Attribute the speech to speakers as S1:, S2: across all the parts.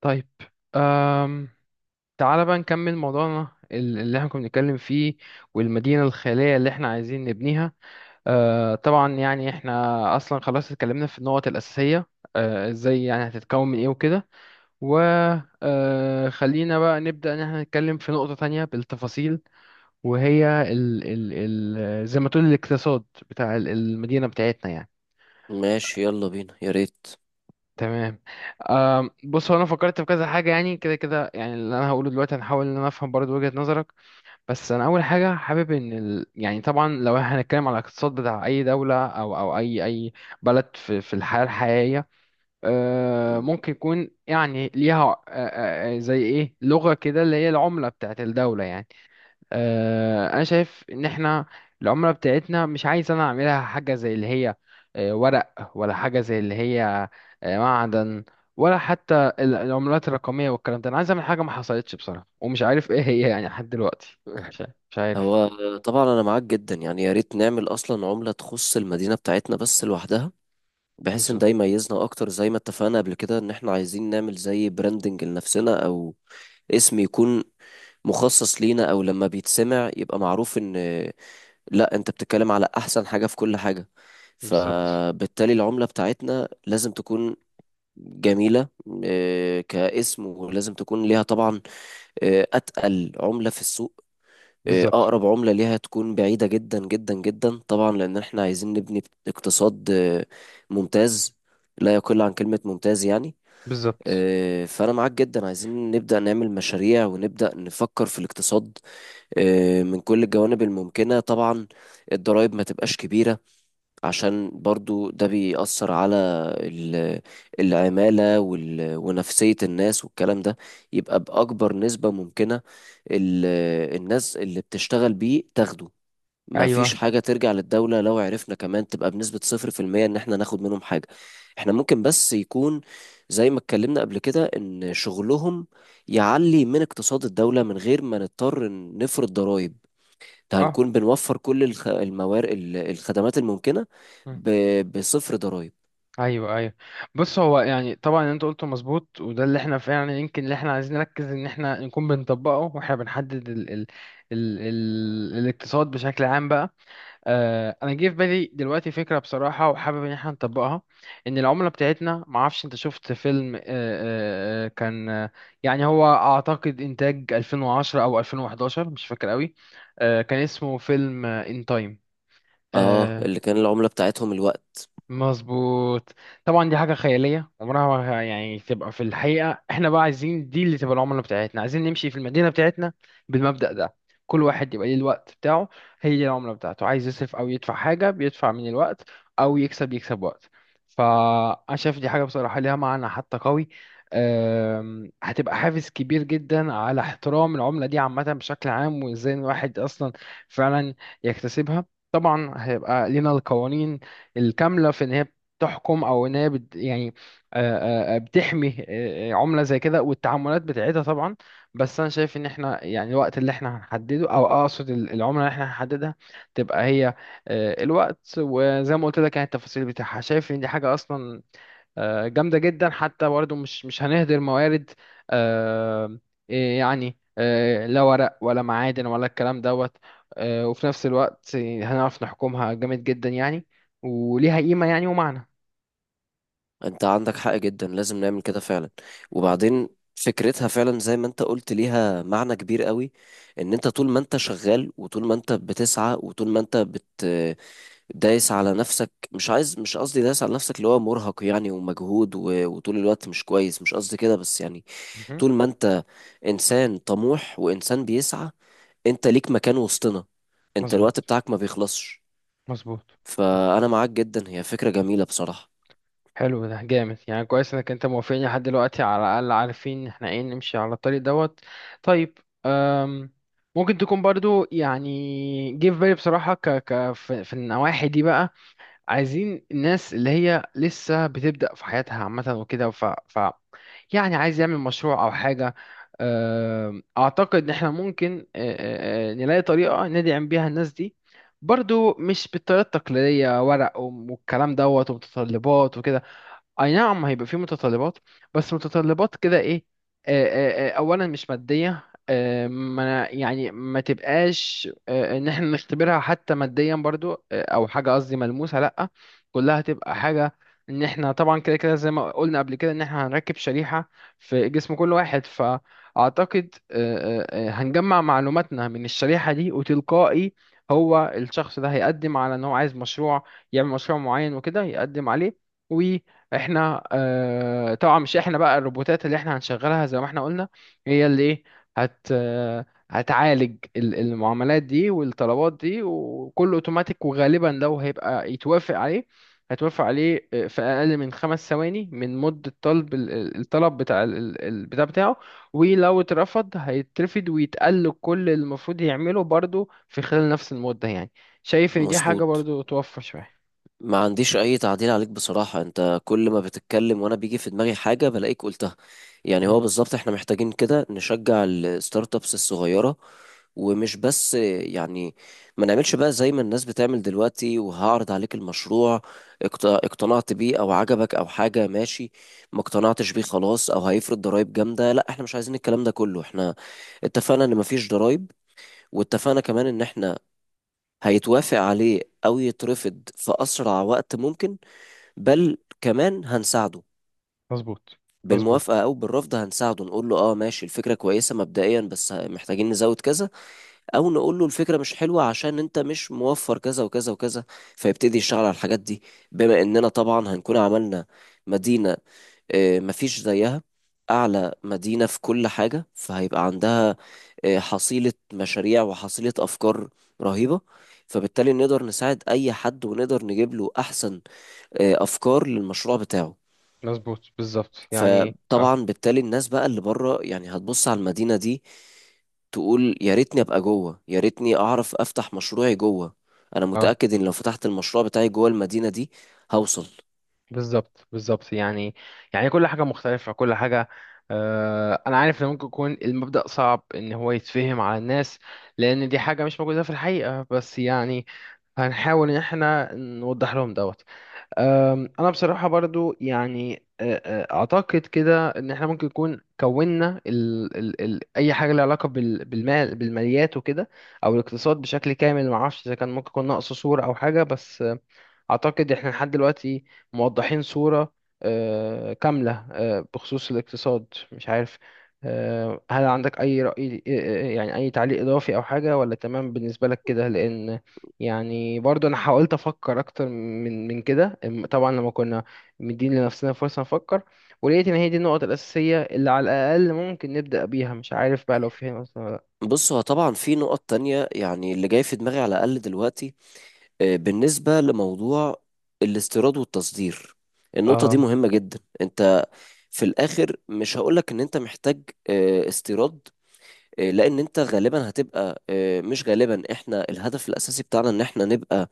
S1: طيب. أم... تعالى بقى نكمل موضوعنا اللي احنا كنا بنتكلم فيه، والمدينة الخيالية اللي احنا عايزين نبنيها. طبعا يعني احنا أصلا خلاص اتكلمنا في النقط الأساسية، ازاي يعني هتتكون من ايه وكده. و خلينا بقى نبدأ ان احنا نتكلم في نقطة تانية بالتفاصيل، وهي زي ما تقول الاقتصاد بتاع المدينة بتاعتنا يعني.
S2: ماشي يلا بينا يا ريت.
S1: تمام. بص، هو انا فكرت في كذا حاجه يعني كده كده، يعني اللي انا هقوله دلوقتي هنحاول ان انا افهم برضو وجهه نظرك، بس انا اول حاجه حابب ان يعني طبعا لو هنتكلم على الاقتصاد بتاع اي دوله او اي بلد في الحياه الحقيقيه،
S2: مم.
S1: ممكن يكون يعني ليها أه، أه، أه، زي ايه لغه كده اللي هي العمله بتاعت الدوله يعني. انا شايف ان احنا العمله بتاعتنا مش عايز انا اعملها حاجه زي اللي هي ورق، ولا حاجه زي اللي هي معدن، ولا حتى العملات الرقميه والكلام ده. انا عايز اعمل حاجه ما حصلتش بصراحه، ومش عارف ايه هي يعني لحد دلوقتي. مش عارف.
S2: هو طبعا انا معاك جدا، يعني يا ريت نعمل اصلا عملة تخص المدينة بتاعتنا بس لوحدها، بحيث ان
S1: بالظبط.
S2: ده يميزنا اكتر زي ما اتفقنا قبل كده ان احنا عايزين نعمل زي براندنج لنفسنا او اسم يكون مخصص لينا، او لما بيتسمع يبقى معروف ان لا انت بتتكلم على احسن حاجة في كل حاجة.
S1: بالظبط.
S2: فبالتالي العملة بتاعتنا لازم تكون جميلة كاسم، ولازم تكون ليها طبعا أتقل عملة في السوق،
S1: بالظبط.
S2: أقرب عملة ليها تكون بعيدة جدا جدا جدا طبعا، لأن احنا عايزين نبني اقتصاد ممتاز، لا يقل عن كلمة ممتاز يعني.
S1: بالظبط.
S2: فأنا معاك جدا، عايزين نبدأ نعمل مشاريع ونبدأ نفكر في الاقتصاد من كل الجوانب الممكنة طبعا. الضرائب ما تبقاش كبيرة عشان برضو ده بيأثر على ال- العمالة ونفسية الناس والكلام ده، يبقى بأكبر نسبة ممكنة ال- الناس اللي بتشتغل بيه تاخده. ما فيش
S1: ايوه.
S2: حاجة ترجع للدولة، لو عرفنا كمان تبقى بنسبة صفر في المية إن احنا ناخد منهم حاجة. احنا ممكن بس يكون زي ما اتكلمنا قبل كده إن شغلهم يعلي من اقتصاد الدولة من غير ما نضطر نفرض ضرائب.
S1: اه.
S2: هنكون بنوفر كل الموارد الخدمات الممكنة ب... بصفر ضرائب.
S1: ايوه. ايوه. بص، هو يعني طبعا اللي انت قلته مظبوط، وده اللي احنا فعلا يعني يمكن اللي احنا عايزين نركز ان احنا نكون بنطبقه، واحنا بنحدد ال الاقتصاد بشكل عام بقى. انا جه في بالي دلوقتي فكره بصراحه وحابب ان احنا نطبقها، ان العمله بتاعتنا، ما اعرفش انت شفت فيلم كان يعني هو اعتقد انتاج 2010 او 2011، مش فاكر قوي، كان اسمه فيلم ان تايم.
S2: اه، اللي كان العملة بتاعتهم الوقت.
S1: مظبوط. طبعا دي حاجة خيالية عمرها ما يعني تبقى في الحقيقة، احنا بقى عايزين دي اللي تبقى العملة بتاعتنا، عايزين نمشي في المدينة بتاعتنا بالمبدأ ده. كل واحد يبقى ليه الوقت بتاعه، هي دي العملة بتاعته. عايز يصرف أو يدفع حاجة بيدفع من الوقت، أو يكسب وقت. فأنا شايف دي حاجة بصراحة ليها معنى حتى قوي. هتبقى حافز كبير جدا على احترام العملة دي عامة بشكل عام، وازاي الواحد أصلا فعلا يكتسبها. طبعا هيبقى لينا القوانين الكاملة في إن هي بتحكم، أو إن هي بت يعني بتحمي عملة زي كده والتعاملات بتاعتها طبعا. بس أنا شايف إن إحنا يعني الوقت اللي إحنا هنحدده، أو أقصد العملة اللي إحنا هنحددها، تبقى هي الوقت. وزي ما قلت لك يعني التفاصيل بتاعها، شايف إن دي حاجة أصلا جامدة جدا، حتى برضه مش هنهدر موارد، آه، إيه يعني، لا ورق ولا معادن ولا الكلام دوت. وفي نفس الوقت هنعرف نحكمها جامد جدا يعني، وليها قيمة يعني ومعنى.
S2: انت عندك حق جدا، لازم نعمل كده فعلا. وبعدين فكرتها فعلا زي ما انت قلت ليها معنى كبير قوي، ان انت طول ما انت شغال وطول ما انت بتسعى وطول ما انت بت دايس على نفسك، مش عايز، مش قصدي دايس على نفسك اللي هو مرهق يعني ومجهود وطول الوقت مش كويس، مش قصدي كده بس يعني
S1: مهم.
S2: طول ما انت انسان طموح وانسان بيسعى، انت ليك مكان وسطنا، انت
S1: مظبوط.
S2: الوقت بتاعك ما بيخلصش.
S1: مظبوط.
S2: فانا معاك جدا، هي فكرة جميلة بصراحة.
S1: حلو، ده جامد يعني. كويس انك انت موافقني لحد دلوقتي، على الاقل عارفين احنا ايه نمشي على الطريق دوت. طيب. أم ممكن تكون برضو، يعني جه في بالي بصراحة، ك ك في النواحي دي بقى، عايزين الناس اللي هي لسه بتبدأ في حياتها عامة وكده، ف يعني عايز يعمل مشروع او حاجة. اعتقد ان احنا ممكن أه، أه، أه، نلاقي طريقة ندعم بيها الناس دي، برضو مش بالطريقة التقليدية ورق والكلام دوت ومتطلبات وكده. اي نعم هيبقى في متطلبات، بس متطلبات كده ايه؟ اولا مش ماديه، ما يعني ما تبقاش ان احنا نختبرها حتى ماديا برضو او حاجه قصدي ملموسه، لا. كلها تبقى حاجه ان احنا طبعا كده كده زي ما قلنا قبل كده ان احنا هنركب شريحه في جسم كل واحد. فاعتقد هنجمع معلوماتنا من الشريحه دي، وتلقائي هو الشخص ده هيقدم على ان هو عايز مشروع، يعمل مشروع معين وكده، يقدم عليه. احنا اه طبعا مش احنا بقى، الروبوتات اللي احنا هنشغلها زي ما احنا قلنا هي اللي ايه، هت آه، هتعالج المعاملات دي والطلبات دي، وكله اوتوماتيك. وغالبا لو هيبقى يتوافق عليه هتوافق عليه في اقل من 5 ثواني من مدة طلب الطلب بتاع البتاع بتاعه. ولو اترفض هيترفض، ويتقل كل اللي المفروض يعمله برضه في خلال نفس المدة يعني. شايف ان دي حاجة
S2: مظبوط،
S1: برضه توفر شوية.
S2: ما عنديش اي تعديل عليك بصراحة، انت كل ما بتتكلم وانا بيجي في دماغي حاجة بلاقيك قلتها. يعني
S1: مم.
S2: هو بالظبط احنا محتاجين كده نشجع الستارت ابس الصغيرة. ومش بس يعني ما نعملش بقى زي ما الناس بتعمل دلوقتي، وهعرض عليك المشروع اقتنعت بيه او عجبك او حاجة ماشي، ما اقتنعتش بيه خلاص، او هيفرض ضرائب جامدة. لا احنا مش عايزين الكلام ده كله. احنا اتفقنا ان مفيش ضرائب، واتفقنا كمان ان احنا هيتوافق عليه او يترفض في اسرع وقت ممكن، بل كمان هنساعده
S1: مظبوط. مظبوط.
S2: بالموافقة أو بالرفض. هنساعده نقول له اه ماشي الفكرة كويسة مبدئيا بس محتاجين نزود كذا، أو نقول له الفكرة مش حلوة عشان أنت مش موفر كذا وكذا وكذا، فيبتدي يشتغل على الحاجات دي، بما إننا طبعا هنكون عملنا مدينة مفيش زيها، أعلى مدينة في كل حاجة، فهيبقى عندها حصيلة مشاريع وحصيلة أفكار رهيبة، فبالتالي نقدر نساعد أي حد ونقدر نجيب له أحسن أفكار للمشروع بتاعه.
S1: مظبوط. بالظبط يعني. اه.
S2: فطبعا بالتالي الناس بقى اللي بره يعني هتبص على المدينة دي، تقول يا ريتني ابقى جوه، يا ريتني اعرف افتح مشروعي جوه. انا
S1: اه.
S2: متأكد ان لو فتحت المشروع بتاعي جوه المدينة دي هوصل.
S1: بالظبط. بالظبط يعني. يعني كل حاجة مختلفة، كل حاجة. أنا عارف إن ممكن يكون المبدأ صعب إن هو يتفهم على الناس، لأن دي حاجة مش موجودة في الحقيقة، بس يعني هنحاول إن إحنا نوضح لهم دوت. أنا بصراحة برضو يعني أعتقد كده، إن إحنا ممكن يكون كوننا ال أي حاجة لها علاقة بالمال بالماليات وكده، أو الاقتصاد بشكل كامل، معرفش إذا كان ممكن يكون ناقصه صورة أو حاجة، بس أعتقد إحنا لحد دلوقتي موضحين صورة كاملة بخصوص الاقتصاد. مش عارف، هل عندك أي رأي، يعني أي تعليق إضافي أو حاجة، ولا تمام بالنسبة لك كده؟ لأن يعني برضو أنا حاولت أفكر أكتر من كده، طبعا لما كنا مدين لنفسنا فرصة نفكر، ولقيت إن هي دي النقط الأساسية اللي على الأقل ممكن نبدأ بيها. مش عارف بقى لو في هنا مثلا ولا لأ.
S2: بص هو طبعا في نقط تانية يعني اللي جاي في دماغي على الأقل دلوقتي، بالنسبة لموضوع الاستيراد والتصدير، النقطة دي
S1: آه.
S2: مهمة جدا. انت في الآخر مش هقولك ان انت محتاج استيراد، لأن انت غالبا هتبقى مش غالبا، احنا الهدف الأساسي بتاعنا ان احنا نبقى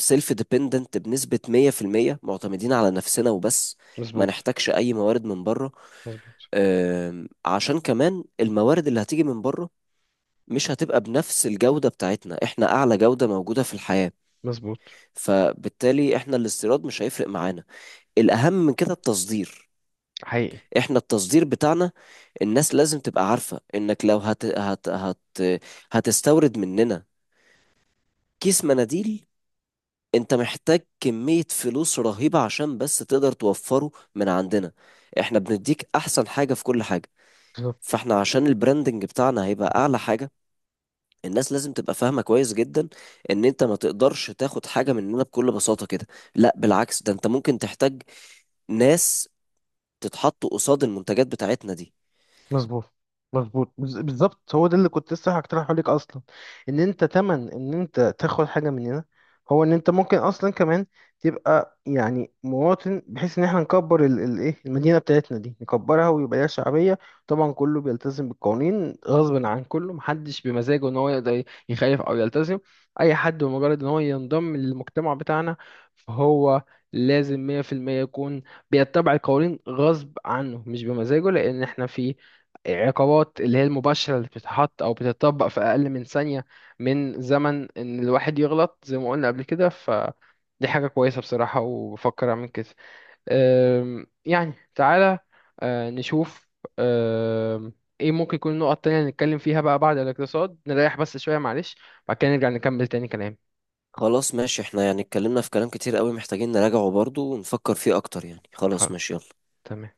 S2: سيلف ديبندنت بنسبة 100% معتمدين على نفسنا وبس، ما
S1: مظبوط.
S2: نحتاجش أي موارد من بره.
S1: مظبوط.
S2: عشان كمان الموارد اللي هتيجي من بره مش هتبقى بنفس الجودة بتاعتنا، احنا أعلى جودة موجودة في الحياة.
S1: مظبوط.
S2: فبالتالي احنا الاستيراد مش هيفرق معانا. الأهم من كده التصدير.
S1: حقيقي.
S2: احنا التصدير بتاعنا، الناس لازم تبقى عارفة انك لو هتستورد مننا كيس مناديل، انت محتاج كمية فلوس رهيبة عشان بس تقدر توفره من عندنا. احنا بنديك احسن حاجة في كل حاجة، فاحنا عشان البراندنج بتاعنا هيبقى اعلى حاجة، الناس لازم تبقى فاهمة كويس جدا ان انت ما تقدرش تاخد حاجة مننا بكل بساطة كده. لا بالعكس، ده انت ممكن تحتاج ناس تتحط قصاد المنتجات بتاعتنا دي.
S1: مظبوط. مظبوط، بالظبط، هو ده اللي كنت لسه هقترحه لك اصلا. ان انت تمن ان انت تاخد حاجه مننا هو ان انت ممكن اصلا كمان تبقى يعني مواطن، بحيث ان احنا نكبر ايه المدينه بتاعتنا دي، نكبرها ويبقى ليها شعبيه. طبعا كله بيلتزم بالقوانين غصب عن كله، محدش بمزاجه ان هو يقدر يخالف او يلتزم. اي حد بمجرد ان هو ينضم للمجتمع بتاعنا فهو لازم 100% يكون بيتبع القوانين غصب عنه مش بمزاجه، لان احنا في عقابات اللي هي المباشرة اللي بتتحط أو بتتطبق في أقل من ثانية من زمن إن الواحد يغلط زي ما قلنا قبل كده. فدي حاجة كويسة بصراحة، وبفكر أعمل كده. يعني تعالى نشوف أم، إيه ممكن يكون النقط التانية اللي نتكلم فيها بقى بعد الاقتصاد. نريح بس شوية معلش، بعد كده نرجع نكمل تاني كلام.
S2: خلاص ماشي، احنا يعني اتكلمنا في كلام كتير قوي محتاجين نراجعه برضو ونفكر فيه اكتر يعني، خلاص
S1: خلاص.
S2: ماشي يلا.
S1: تمام.